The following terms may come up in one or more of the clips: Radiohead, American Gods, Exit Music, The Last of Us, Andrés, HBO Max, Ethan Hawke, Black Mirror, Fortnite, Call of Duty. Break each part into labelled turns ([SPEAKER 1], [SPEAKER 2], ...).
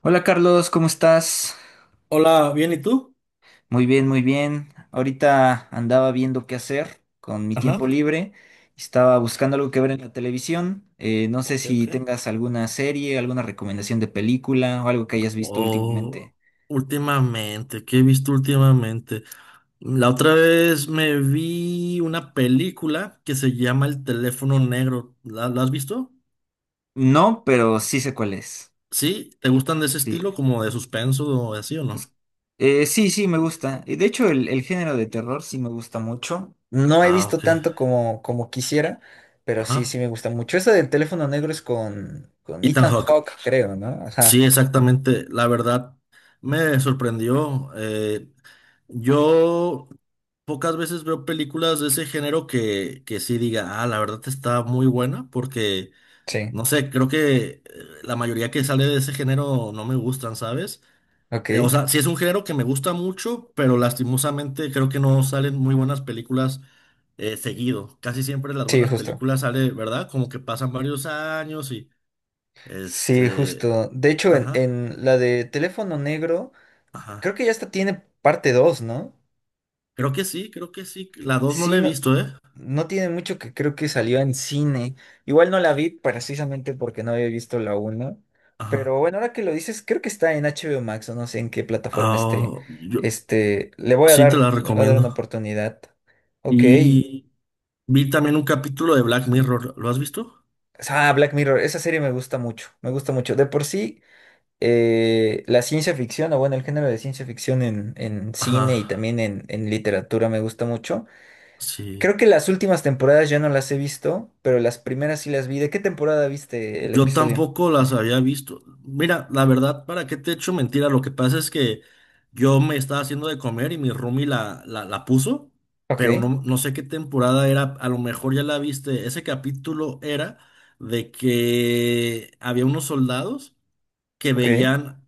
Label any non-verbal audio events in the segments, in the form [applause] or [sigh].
[SPEAKER 1] Hola Carlos, ¿cómo estás?
[SPEAKER 2] Hola, bien, ¿y tú?
[SPEAKER 1] Muy bien, muy bien. Ahorita andaba viendo qué hacer con mi tiempo
[SPEAKER 2] Ajá.
[SPEAKER 1] libre. Estaba buscando algo que ver en la televisión. No sé
[SPEAKER 2] Ok,
[SPEAKER 1] si
[SPEAKER 2] ok.
[SPEAKER 1] tengas alguna serie, alguna recomendación de película o algo que hayas visto
[SPEAKER 2] Oh,
[SPEAKER 1] últimamente.
[SPEAKER 2] últimamente, ¿qué he visto últimamente? La otra vez me vi una película que se llama El teléfono negro. ¿La has visto?
[SPEAKER 1] No, pero sí sé cuál es.
[SPEAKER 2] ¿Sí? ¿Te gustan de ese
[SPEAKER 1] Sí.
[SPEAKER 2] estilo, como de suspenso o así o
[SPEAKER 1] Es-
[SPEAKER 2] no?
[SPEAKER 1] sí, sí, me gusta. Y de hecho, el género de terror sí me gusta mucho. No he
[SPEAKER 2] Ah,
[SPEAKER 1] visto
[SPEAKER 2] ok.
[SPEAKER 1] tanto como, como quisiera, pero sí, sí
[SPEAKER 2] Ajá.
[SPEAKER 1] me gusta mucho. Eso del teléfono negro es con
[SPEAKER 2] Ethan
[SPEAKER 1] Ethan
[SPEAKER 2] Hawke.
[SPEAKER 1] Hawke, creo, ¿no? Ajá.
[SPEAKER 2] Sí, exactamente. La verdad me sorprendió. Yo pocas veces veo películas de ese género que sí diga, ah, la verdad está muy buena, porque,
[SPEAKER 1] Sí.
[SPEAKER 2] no sé, creo que la mayoría que sale de ese género no me gustan, ¿sabes? O
[SPEAKER 1] Ok.
[SPEAKER 2] sea, sí es un género que me gusta mucho, pero lastimosamente creo que no salen muy buenas películas seguido. Casi siempre las
[SPEAKER 1] Sí,
[SPEAKER 2] buenas
[SPEAKER 1] justo.
[SPEAKER 2] películas sale, ¿verdad? Como que pasan varios años y,
[SPEAKER 1] Sí,
[SPEAKER 2] este,
[SPEAKER 1] justo. De hecho, en,
[SPEAKER 2] ajá,
[SPEAKER 1] en la de teléfono negro,
[SPEAKER 2] ajá.
[SPEAKER 1] creo que ya hasta tiene parte 2, ¿no?
[SPEAKER 2] Creo que sí, creo que sí. La 2 no la
[SPEAKER 1] Sí,
[SPEAKER 2] he
[SPEAKER 1] no,
[SPEAKER 2] visto, ¿eh?
[SPEAKER 1] no tiene mucho que creo que salió en cine. Igual no la vi precisamente porque no había visto la 1. Pero
[SPEAKER 2] Ajá.
[SPEAKER 1] bueno, ahora que lo dices, creo que está en HBO Max o no sé en qué plataforma esté.
[SPEAKER 2] Ah, yo
[SPEAKER 1] Este, le voy a
[SPEAKER 2] sí te la
[SPEAKER 1] dar, le voy a dar una
[SPEAKER 2] recomiendo.
[SPEAKER 1] oportunidad. Ok.
[SPEAKER 2] Y vi también un capítulo de Black Mirror. ¿Lo has visto?
[SPEAKER 1] Ah, Black Mirror, esa serie me gusta mucho, me gusta mucho. De por sí, la ciencia ficción, o bueno, el género de ciencia ficción en cine
[SPEAKER 2] Ajá.
[SPEAKER 1] y también en literatura me gusta mucho.
[SPEAKER 2] Sí.
[SPEAKER 1] Creo que las últimas temporadas ya no las he visto, pero las primeras sí las vi. ¿De qué temporada viste el
[SPEAKER 2] Yo
[SPEAKER 1] episodio?
[SPEAKER 2] tampoco las había visto. Mira, la verdad, ¿para qué te echo mentira? Lo que pasa es que yo me estaba haciendo de comer y mi roomie la puso,
[SPEAKER 1] Ok,
[SPEAKER 2] pero no, no sé qué temporada era. A lo mejor ya la viste. Ese capítulo era de que había unos soldados que
[SPEAKER 1] ok.
[SPEAKER 2] veían,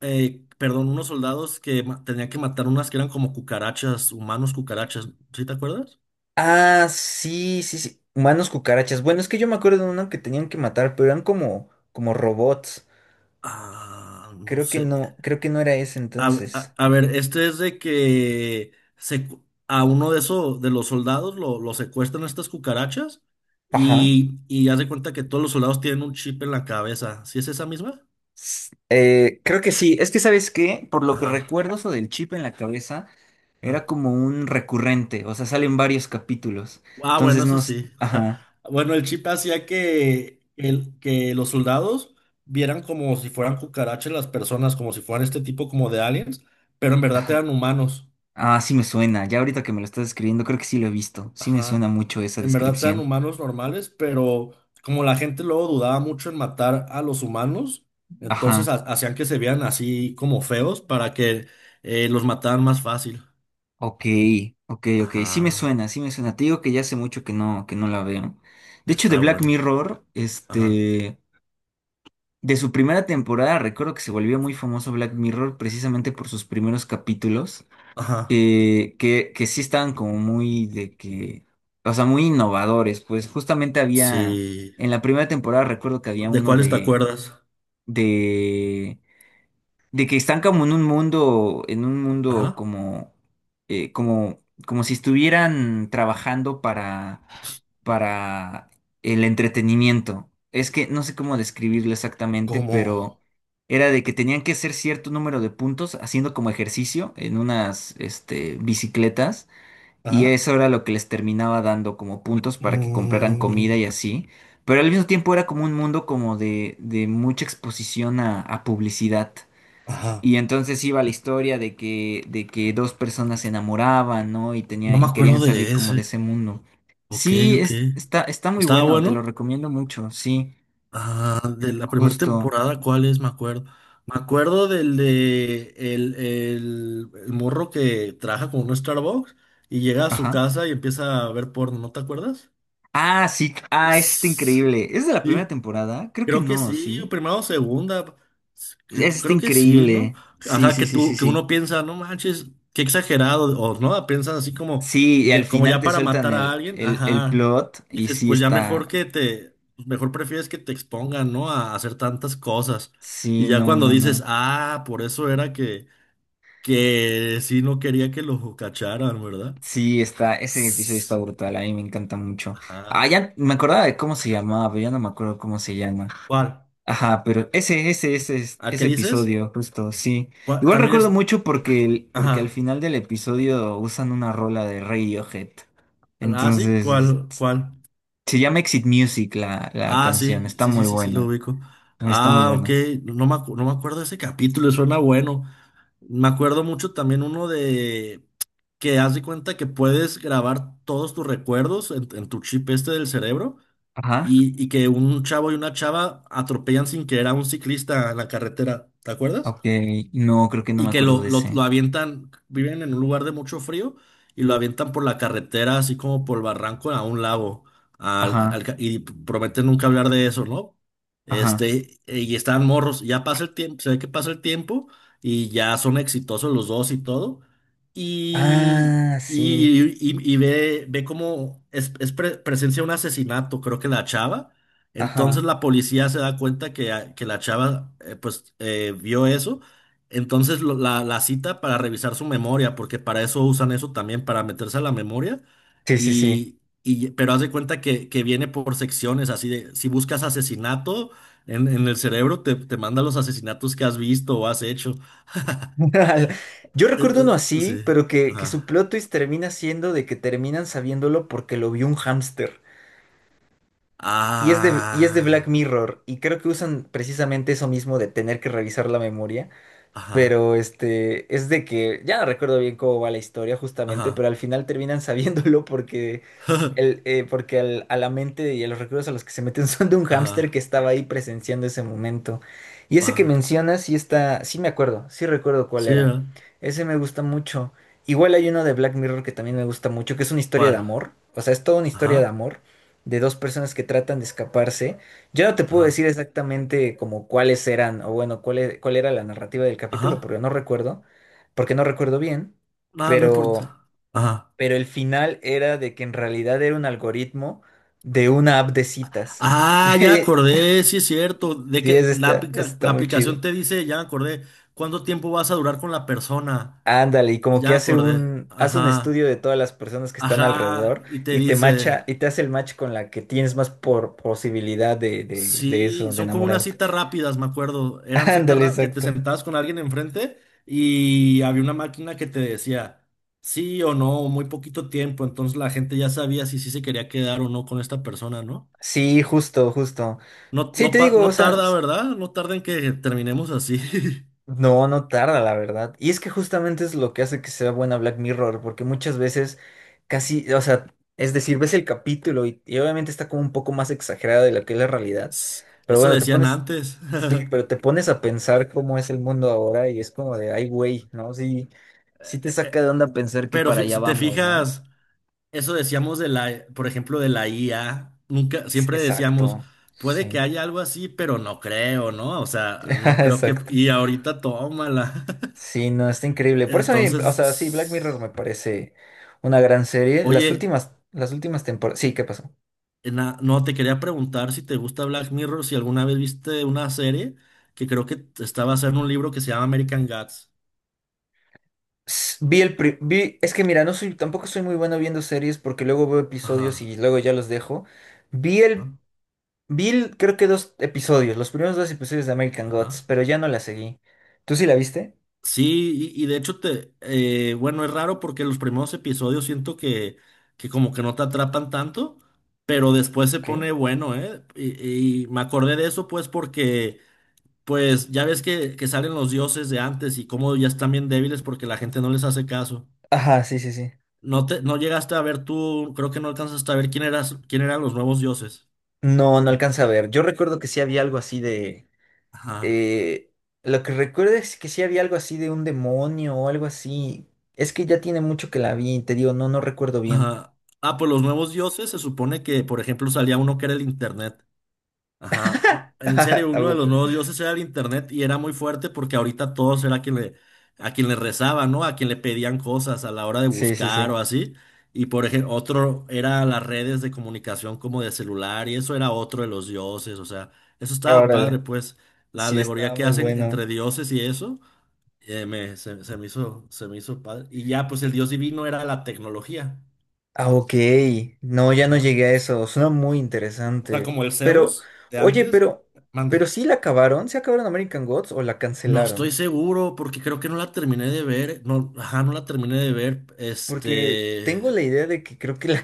[SPEAKER 2] perdón, unos soldados que tenían que matar unas que eran como cucarachas, humanos cucarachas, ¿sí te acuerdas?
[SPEAKER 1] Ah, sí, sí, sí. Humanos cucarachas. Bueno, es que yo me acuerdo de uno que tenían que matar, pero eran como, como robots.
[SPEAKER 2] Ah, no sé.
[SPEAKER 1] Creo que no era ese
[SPEAKER 2] A, a-
[SPEAKER 1] entonces.
[SPEAKER 2] a ver, este es de que se, a uno de esos, de los soldados, lo secuestran estas cucarachas
[SPEAKER 1] Ajá.
[SPEAKER 2] y haz de cuenta que todos los soldados tienen un chip en la cabeza. ¿Sí es esa misma?
[SPEAKER 1] Creo que sí. Es que, ¿sabes qué? Por lo que
[SPEAKER 2] Ajá.
[SPEAKER 1] recuerdo, eso del chip en la cabeza era como un recurrente. O sea, salen varios capítulos.
[SPEAKER 2] Ah, bueno,
[SPEAKER 1] Entonces
[SPEAKER 2] eso
[SPEAKER 1] nos.
[SPEAKER 2] sí. [laughs]
[SPEAKER 1] Ajá.
[SPEAKER 2] Bueno, el chip hacía que los soldados vieran como si fueran cucarachas las personas, como si fueran este tipo como de aliens, pero en verdad
[SPEAKER 1] Ajá.
[SPEAKER 2] eran humanos.
[SPEAKER 1] Ah, sí me suena. Ya ahorita que me lo estás escribiendo, creo que sí lo he visto. Sí me suena
[SPEAKER 2] Ajá.
[SPEAKER 1] mucho esa
[SPEAKER 2] En verdad eran
[SPEAKER 1] descripción.
[SPEAKER 2] humanos normales, pero como la gente luego dudaba mucho en matar a los humanos, entonces
[SPEAKER 1] Ajá.
[SPEAKER 2] hacían que se vean así como feos para que los mataran más fácil.
[SPEAKER 1] Ok, ok, ok. Sí me
[SPEAKER 2] Ajá.
[SPEAKER 1] suena, sí me suena. Te digo que ya hace mucho que no la veo. De hecho, de
[SPEAKER 2] Está
[SPEAKER 1] Black
[SPEAKER 2] bueno.
[SPEAKER 1] Mirror,
[SPEAKER 2] Ajá.
[SPEAKER 1] este, de su primera temporada, recuerdo que se volvió muy famoso Black Mirror precisamente por sus primeros capítulos,
[SPEAKER 2] Ajá.
[SPEAKER 1] que sí estaban como muy de que, o sea, muy innovadores. Pues justamente había,
[SPEAKER 2] Sí.
[SPEAKER 1] en la primera temporada recuerdo que había
[SPEAKER 2] ¿De
[SPEAKER 1] uno
[SPEAKER 2] cuáles te
[SPEAKER 1] de,
[SPEAKER 2] acuerdas?
[SPEAKER 1] de de que están como en un mundo
[SPEAKER 2] Ajá.
[SPEAKER 1] como, como si estuvieran trabajando para el entretenimiento. Es que no sé cómo describirlo exactamente,
[SPEAKER 2] ¿Cómo?
[SPEAKER 1] pero era de que tenían que hacer cierto número de puntos haciendo como ejercicio en unas, este, bicicletas. Y
[SPEAKER 2] Ajá.
[SPEAKER 1] eso era lo que les terminaba dando como puntos para que compraran comida
[SPEAKER 2] Mm,
[SPEAKER 1] y así. Pero al mismo tiempo era como un mundo como de mucha exposición a publicidad.
[SPEAKER 2] ajá.
[SPEAKER 1] Y entonces iba la historia de que dos personas se enamoraban, ¿no? Y
[SPEAKER 2] No
[SPEAKER 1] tenían,
[SPEAKER 2] me
[SPEAKER 1] y
[SPEAKER 2] acuerdo
[SPEAKER 1] querían salir
[SPEAKER 2] de
[SPEAKER 1] como de
[SPEAKER 2] ese.
[SPEAKER 1] ese mundo.
[SPEAKER 2] Ok,
[SPEAKER 1] Sí,
[SPEAKER 2] ok.
[SPEAKER 1] es, está, está muy
[SPEAKER 2] Estaba
[SPEAKER 1] bueno, te lo
[SPEAKER 2] bueno.
[SPEAKER 1] recomiendo mucho, sí,
[SPEAKER 2] Ah, de la primera
[SPEAKER 1] justo.
[SPEAKER 2] temporada, ¿cuál es? Me acuerdo. Me acuerdo del de el morro que trabaja con un Starbucks y llega a su
[SPEAKER 1] Ajá.
[SPEAKER 2] casa y empieza a ver porno, ¿no te acuerdas?
[SPEAKER 1] Ah, sí, ah, es este increíble. ¿Es de la primera
[SPEAKER 2] Sí,
[SPEAKER 1] temporada? Creo que
[SPEAKER 2] creo que
[SPEAKER 1] no,
[SPEAKER 2] sí,
[SPEAKER 1] sí.
[SPEAKER 2] primero o segunda.
[SPEAKER 1] Es este
[SPEAKER 2] Creo que sí, ¿no?
[SPEAKER 1] increíble. Sí,
[SPEAKER 2] Ajá,
[SPEAKER 1] sí, sí, sí,
[SPEAKER 2] que
[SPEAKER 1] sí.
[SPEAKER 2] uno piensa, no manches, qué exagerado, o no, piensas así
[SPEAKER 1] Sí, y al
[SPEAKER 2] como
[SPEAKER 1] final
[SPEAKER 2] ya
[SPEAKER 1] te
[SPEAKER 2] para
[SPEAKER 1] sueltan
[SPEAKER 2] matar a alguien,
[SPEAKER 1] el
[SPEAKER 2] ajá.
[SPEAKER 1] plot
[SPEAKER 2] Y
[SPEAKER 1] y
[SPEAKER 2] dices,
[SPEAKER 1] sí
[SPEAKER 2] pues ya mejor
[SPEAKER 1] está.
[SPEAKER 2] pues mejor prefieres que te expongan, ¿no? A hacer tantas cosas. Y
[SPEAKER 1] Sí,
[SPEAKER 2] ya
[SPEAKER 1] no,
[SPEAKER 2] cuando
[SPEAKER 1] no,
[SPEAKER 2] dices,
[SPEAKER 1] no.
[SPEAKER 2] ah, por eso era que sí no quería que lo cacharan, ¿verdad?
[SPEAKER 1] Sí, está, ese episodio está
[SPEAKER 2] Sss,
[SPEAKER 1] brutal, a mí me encanta mucho. Ah,
[SPEAKER 2] Ajá.
[SPEAKER 1] ya me acordaba de cómo se llamaba, pero ya no me acuerdo cómo se llama.
[SPEAKER 2] ¿Cuál?
[SPEAKER 1] Ajá, pero
[SPEAKER 2] ¿Al que
[SPEAKER 1] ese
[SPEAKER 2] dices?
[SPEAKER 1] episodio, justo, sí.
[SPEAKER 2] ¿Cuál?
[SPEAKER 1] Igual
[SPEAKER 2] También
[SPEAKER 1] recuerdo
[SPEAKER 2] es,
[SPEAKER 1] mucho porque, porque al
[SPEAKER 2] ajá.
[SPEAKER 1] final del episodio usan una rola de Radiohead.
[SPEAKER 2] Ah, sí,
[SPEAKER 1] Entonces,
[SPEAKER 2] ¿cuál, cuál?
[SPEAKER 1] se llama Exit Music la, la
[SPEAKER 2] Ah,
[SPEAKER 1] canción,
[SPEAKER 2] sí,
[SPEAKER 1] está
[SPEAKER 2] sí, sí,
[SPEAKER 1] muy
[SPEAKER 2] sí, sí, lo
[SPEAKER 1] buena.
[SPEAKER 2] ubico.
[SPEAKER 1] Está muy
[SPEAKER 2] Ah, ok,
[SPEAKER 1] buena.
[SPEAKER 2] no no me, no me acuerdo de ese capítulo, suena bueno. Me acuerdo mucho también uno de que haz de cuenta que puedes grabar todos tus recuerdos en tu chip este del cerebro
[SPEAKER 1] Ajá,
[SPEAKER 2] y que un chavo y una chava atropellan sin querer a un ciclista en la carretera, ¿te acuerdas?
[SPEAKER 1] ok, no, creo que no
[SPEAKER 2] Y
[SPEAKER 1] me
[SPEAKER 2] que
[SPEAKER 1] acuerdo
[SPEAKER 2] lo,
[SPEAKER 1] de
[SPEAKER 2] lo, lo
[SPEAKER 1] ese.
[SPEAKER 2] avientan, viven en un lugar de mucho frío y lo avientan por la carretera, así como por el barranco a un lago. al- al
[SPEAKER 1] Ajá,
[SPEAKER 2] ca- y prometen nunca hablar de eso, ¿no?
[SPEAKER 1] ajá.
[SPEAKER 2] Y están morros, ya pasa el tiempo, se ve que pasa el tiempo y ya son exitosos los dos y todo. Y,
[SPEAKER 1] Ah, sí,
[SPEAKER 2] y ve cómo presencia un asesinato, creo que la chava. Entonces
[SPEAKER 1] ajá.
[SPEAKER 2] la policía se da cuenta que la chava pues vio eso, entonces la cita para revisar su memoria, porque para eso usan eso también, para meterse a la memoria.
[SPEAKER 1] Sí, sí, sí.
[SPEAKER 2] Pero haz de cuenta que viene por secciones, así de, si buscas asesinato en el cerebro, te manda los asesinatos que has visto o has hecho. [laughs]
[SPEAKER 1] [laughs] Yo recuerdo uno así,
[SPEAKER 2] Sí.
[SPEAKER 1] pero que
[SPEAKER 2] Ajá.
[SPEAKER 1] su plot twist termina siendo de que terminan sabiéndolo porque lo vio un hámster. Y es de Black
[SPEAKER 2] Ah.
[SPEAKER 1] Mirror, y creo que usan precisamente eso mismo de tener que revisar la memoria.
[SPEAKER 2] Ajá.
[SPEAKER 1] Pero este, es de que ya no recuerdo bien cómo va la historia justamente, pero
[SPEAKER 2] Ajá.
[SPEAKER 1] al final terminan [laughs] sabiéndolo porque,
[SPEAKER 2] [laughs]
[SPEAKER 1] porque a la mente y a los recuerdos a los que se meten [laughs] son de un hámster que
[SPEAKER 2] Ajá.
[SPEAKER 1] estaba ahí presenciando ese momento. Y ese
[SPEAKER 2] Va.
[SPEAKER 1] que mencionas, sí está, sí me acuerdo, sí recuerdo cuál
[SPEAKER 2] Sí,
[SPEAKER 1] era.
[SPEAKER 2] ¿verdad?
[SPEAKER 1] Ese me gusta mucho. Igual hay uno de Black Mirror que también me gusta mucho, que es una historia de
[SPEAKER 2] ¿Cuál?
[SPEAKER 1] amor. O sea, es toda una historia de
[SPEAKER 2] Ajá.
[SPEAKER 1] amor de dos personas que tratan de escaparse. Yo no te puedo
[SPEAKER 2] Ajá.
[SPEAKER 1] decir exactamente como cuáles eran, o bueno, cuál era la narrativa del capítulo,
[SPEAKER 2] Ajá.
[SPEAKER 1] porque no recuerdo bien,
[SPEAKER 2] Nada, no
[SPEAKER 1] pero,
[SPEAKER 2] importa. Ajá.
[SPEAKER 1] pero el final era de que en realidad era un algoritmo de una app de citas. [laughs]
[SPEAKER 2] Ah, ya
[SPEAKER 1] Y-
[SPEAKER 2] acordé, sí es cierto, de
[SPEAKER 1] Sí, es
[SPEAKER 2] que la,
[SPEAKER 1] está,
[SPEAKER 2] apli- la-
[SPEAKER 1] está
[SPEAKER 2] la
[SPEAKER 1] muy chido.
[SPEAKER 2] aplicación te dice, ya acordé, cuánto tiempo vas a durar con la persona.
[SPEAKER 1] Ándale, y como que
[SPEAKER 2] Ya acordé,
[SPEAKER 1] hace un
[SPEAKER 2] ajá,
[SPEAKER 1] estudio de todas las personas que están
[SPEAKER 2] ajá,
[SPEAKER 1] alrededor
[SPEAKER 2] y te dice,
[SPEAKER 1] y te hace el match con la que tienes más por posibilidad de
[SPEAKER 2] sí,
[SPEAKER 1] eso, de
[SPEAKER 2] son como unas
[SPEAKER 1] enamorarte.
[SPEAKER 2] citas rápidas, me acuerdo,
[SPEAKER 1] [laughs]
[SPEAKER 2] eran citas
[SPEAKER 1] Ándale,
[SPEAKER 2] que te
[SPEAKER 1] exacto.
[SPEAKER 2] sentabas con alguien enfrente y había una máquina que te decía, sí o no, muy poquito tiempo, entonces la gente ya sabía si sí se quería quedar o no con esta persona, ¿no?
[SPEAKER 1] Sí, justo, justo.
[SPEAKER 2] No,
[SPEAKER 1] Sí,
[SPEAKER 2] no,
[SPEAKER 1] te digo, o
[SPEAKER 2] no
[SPEAKER 1] sea,
[SPEAKER 2] tarda, ¿verdad? No tarda en que terminemos así. [laughs]
[SPEAKER 1] no, no tarda, la verdad. Y es que justamente es lo que hace que sea buena Black Mirror, porque muchas veces casi, o sea, es decir, ves el capítulo y obviamente está como un poco más exagerada de lo que es la realidad, pero
[SPEAKER 2] Eso
[SPEAKER 1] bueno, te
[SPEAKER 2] decían
[SPEAKER 1] pones,
[SPEAKER 2] antes.
[SPEAKER 1] sí, pero
[SPEAKER 2] [laughs]
[SPEAKER 1] te pones a pensar cómo es el mundo ahora y es como de, ay, güey, ¿no? Sí, sí te saca
[SPEAKER 2] Eh,
[SPEAKER 1] de onda pensar que
[SPEAKER 2] Pero
[SPEAKER 1] para allá
[SPEAKER 2] si te
[SPEAKER 1] vamos, ¿no?
[SPEAKER 2] fijas, eso decíamos de la, por ejemplo, de la IA. Nunca, siempre decíamos,
[SPEAKER 1] Exacto,
[SPEAKER 2] puede que
[SPEAKER 1] sí,
[SPEAKER 2] haya algo así, pero no creo, ¿no? O sea, no
[SPEAKER 1] [laughs]
[SPEAKER 2] creo que.
[SPEAKER 1] exacto.
[SPEAKER 2] Y ahorita tómala.
[SPEAKER 1] Sí, no, está increíble.
[SPEAKER 2] [laughs]
[SPEAKER 1] Por eso a mí, o sea, sí, Black
[SPEAKER 2] Entonces,
[SPEAKER 1] Mirror me parece una gran serie.
[SPEAKER 2] oye,
[SPEAKER 1] Las últimas temporadas. Sí, ¿qué pasó?
[SPEAKER 2] no, te quería preguntar si te gusta Black Mirror, si alguna vez viste una serie que creo que estaba basada en un libro que se llama American Gods.
[SPEAKER 1] Vi el vi, es que mira, no soy, tampoco soy muy bueno viendo series porque luego veo episodios
[SPEAKER 2] Ajá.
[SPEAKER 1] y luego ya los dejo. Vi el, creo que 2 episodios, los primeros 2 episodios de American Gods,
[SPEAKER 2] Ajá.
[SPEAKER 1] pero ya no la seguí. ¿Tú sí la viste?
[SPEAKER 2] Sí, y de hecho bueno, es raro porque los primeros episodios siento que como que no te atrapan tanto, pero después se
[SPEAKER 1] Ok.
[SPEAKER 2] pone bueno, ¿eh? Y me acordé de eso pues porque, pues ya ves que salen los dioses de antes y cómo ya están bien débiles porque la gente no les hace caso.
[SPEAKER 1] Ajá, sí, sí, sí.
[SPEAKER 2] No te, no llegaste a ver tú, creo que no alcanzaste a ver quién eras, quién eran los nuevos dioses.
[SPEAKER 1] No, no alcanza a ver. Yo recuerdo que sí había algo así de.
[SPEAKER 2] Ajá.
[SPEAKER 1] Eh, lo que recuerdo es que sí había algo así de un demonio o algo así. Es que ya tiene mucho que la vi y te digo, no, no recuerdo bien.
[SPEAKER 2] Ajá. Ah, pues los nuevos dioses se supone que, por ejemplo, salía uno que era el internet. Ajá,
[SPEAKER 1] [laughs]
[SPEAKER 2] en
[SPEAKER 1] ¿A
[SPEAKER 2] serio, uno de los
[SPEAKER 1] poco?
[SPEAKER 2] nuevos dioses era el internet y era muy fuerte porque ahorita todos era quien le, a quien le rezaba, ¿no? A quien le pedían cosas a la hora de
[SPEAKER 1] Sí, sí,
[SPEAKER 2] buscar
[SPEAKER 1] sí.
[SPEAKER 2] o así. Y por ejemplo, otro era las redes de comunicación como de celular y eso era otro de los dioses, o sea, eso estaba padre,
[SPEAKER 1] Órale.
[SPEAKER 2] pues la
[SPEAKER 1] Sí,
[SPEAKER 2] alegoría
[SPEAKER 1] estaba
[SPEAKER 2] que
[SPEAKER 1] muy
[SPEAKER 2] hacen entre
[SPEAKER 1] bueno.
[SPEAKER 2] dioses y eso, se me hizo padre. Y ya, pues el dios divino era la tecnología.
[SPEAKER 1] Ah, ok. No, ya no
[SPEAKER 2] Ajá.
[SPEAKER 1] llegué a eso. Suena muy
[SPEAKER 2] O sea,
[SPEAKER 1] interesante.
[SPEAKER 2] como el
[SPEAKER 1] Pero,
[SPEAKER 2] Zeus de
[SPEAKER 1] oye,
[SPEAKER 2] antes,
[SPEAKER 1] pero
[SPEAKER 2] mande.
[SPEAKER 1] sí la acabaron. ¿Se acabaron American Gods o la
[SPEAKER 2] No estoy
[SPEAKER 1] cancelaron?
[SPEAKER 2] seguro porque creo que no la terminé de ver. No, ajá, no la terminé de ver.
[SPEAKER 1] Porque tengo la idea de que creo que la [laughs]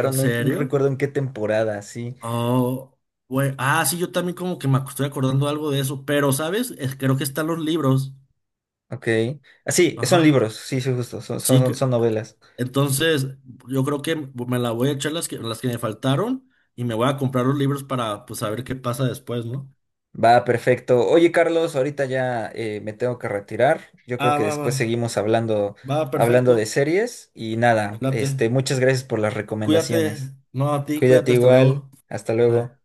[SPEAKER 2] ¿En
[SPEAKER 1] No, no
[SPEAKER 2] serio?
[SPEAKER 1] recuerdo en qué temporada, sí.
[SPEAKER 2] Oh, güey. Ah, sí, yo también como que estoy acordando algo de eso, pero, ¿sabes? Creo que están los libros.
[SPEAKER 1] Ok. Ah, sí, son
[SPEAKER 2] Ajá.
[SPEAKER 1] libros, sí, sí, justo, son, son,
[SPEAKER 2] Sí que
[SPEAKER 1] son novelas.
[SPEAKER 2] entonces yo creo que me la voy a echar las que me faltaron y me voy a comprar los libros para pues saber qué pasa después, ¿no?
[SPEAKER 1] Va, perfecto. Oye, Carlos, ahorita ya me tengo que retirar. Yo creo
[SPEAKER 2] Ah,
[SPEAKER 1] que
[SPEAKER 2] va, va.
[SPEAKER 1] después seguimos hablando,
[SPEAKER 2] Va,
[SPEAKER 1] hablando
[SPEAKER 2] perfecto.
[SPEAKER 1] de series y
[SPEAKER 2] Me
[SPEAKER 1] nada,
[SPEAKER 2] late.
[SPEAKER 1] este, muchas gracias por las
[SPEAKER 2] Cuídate.
[SPEAKER 1] recomendaciones.
[SPEAKER 2] No, a ti,
[SPEAKER 1] Cuídate
[SPEAKER 2] cuídate, hasta
[SPEAKER 1] igual,
[SPEAKER 2] luego.
[SPEAKER 1] hasta
[SPEAKER 2] Bye.
[SPEAKER 1] luego.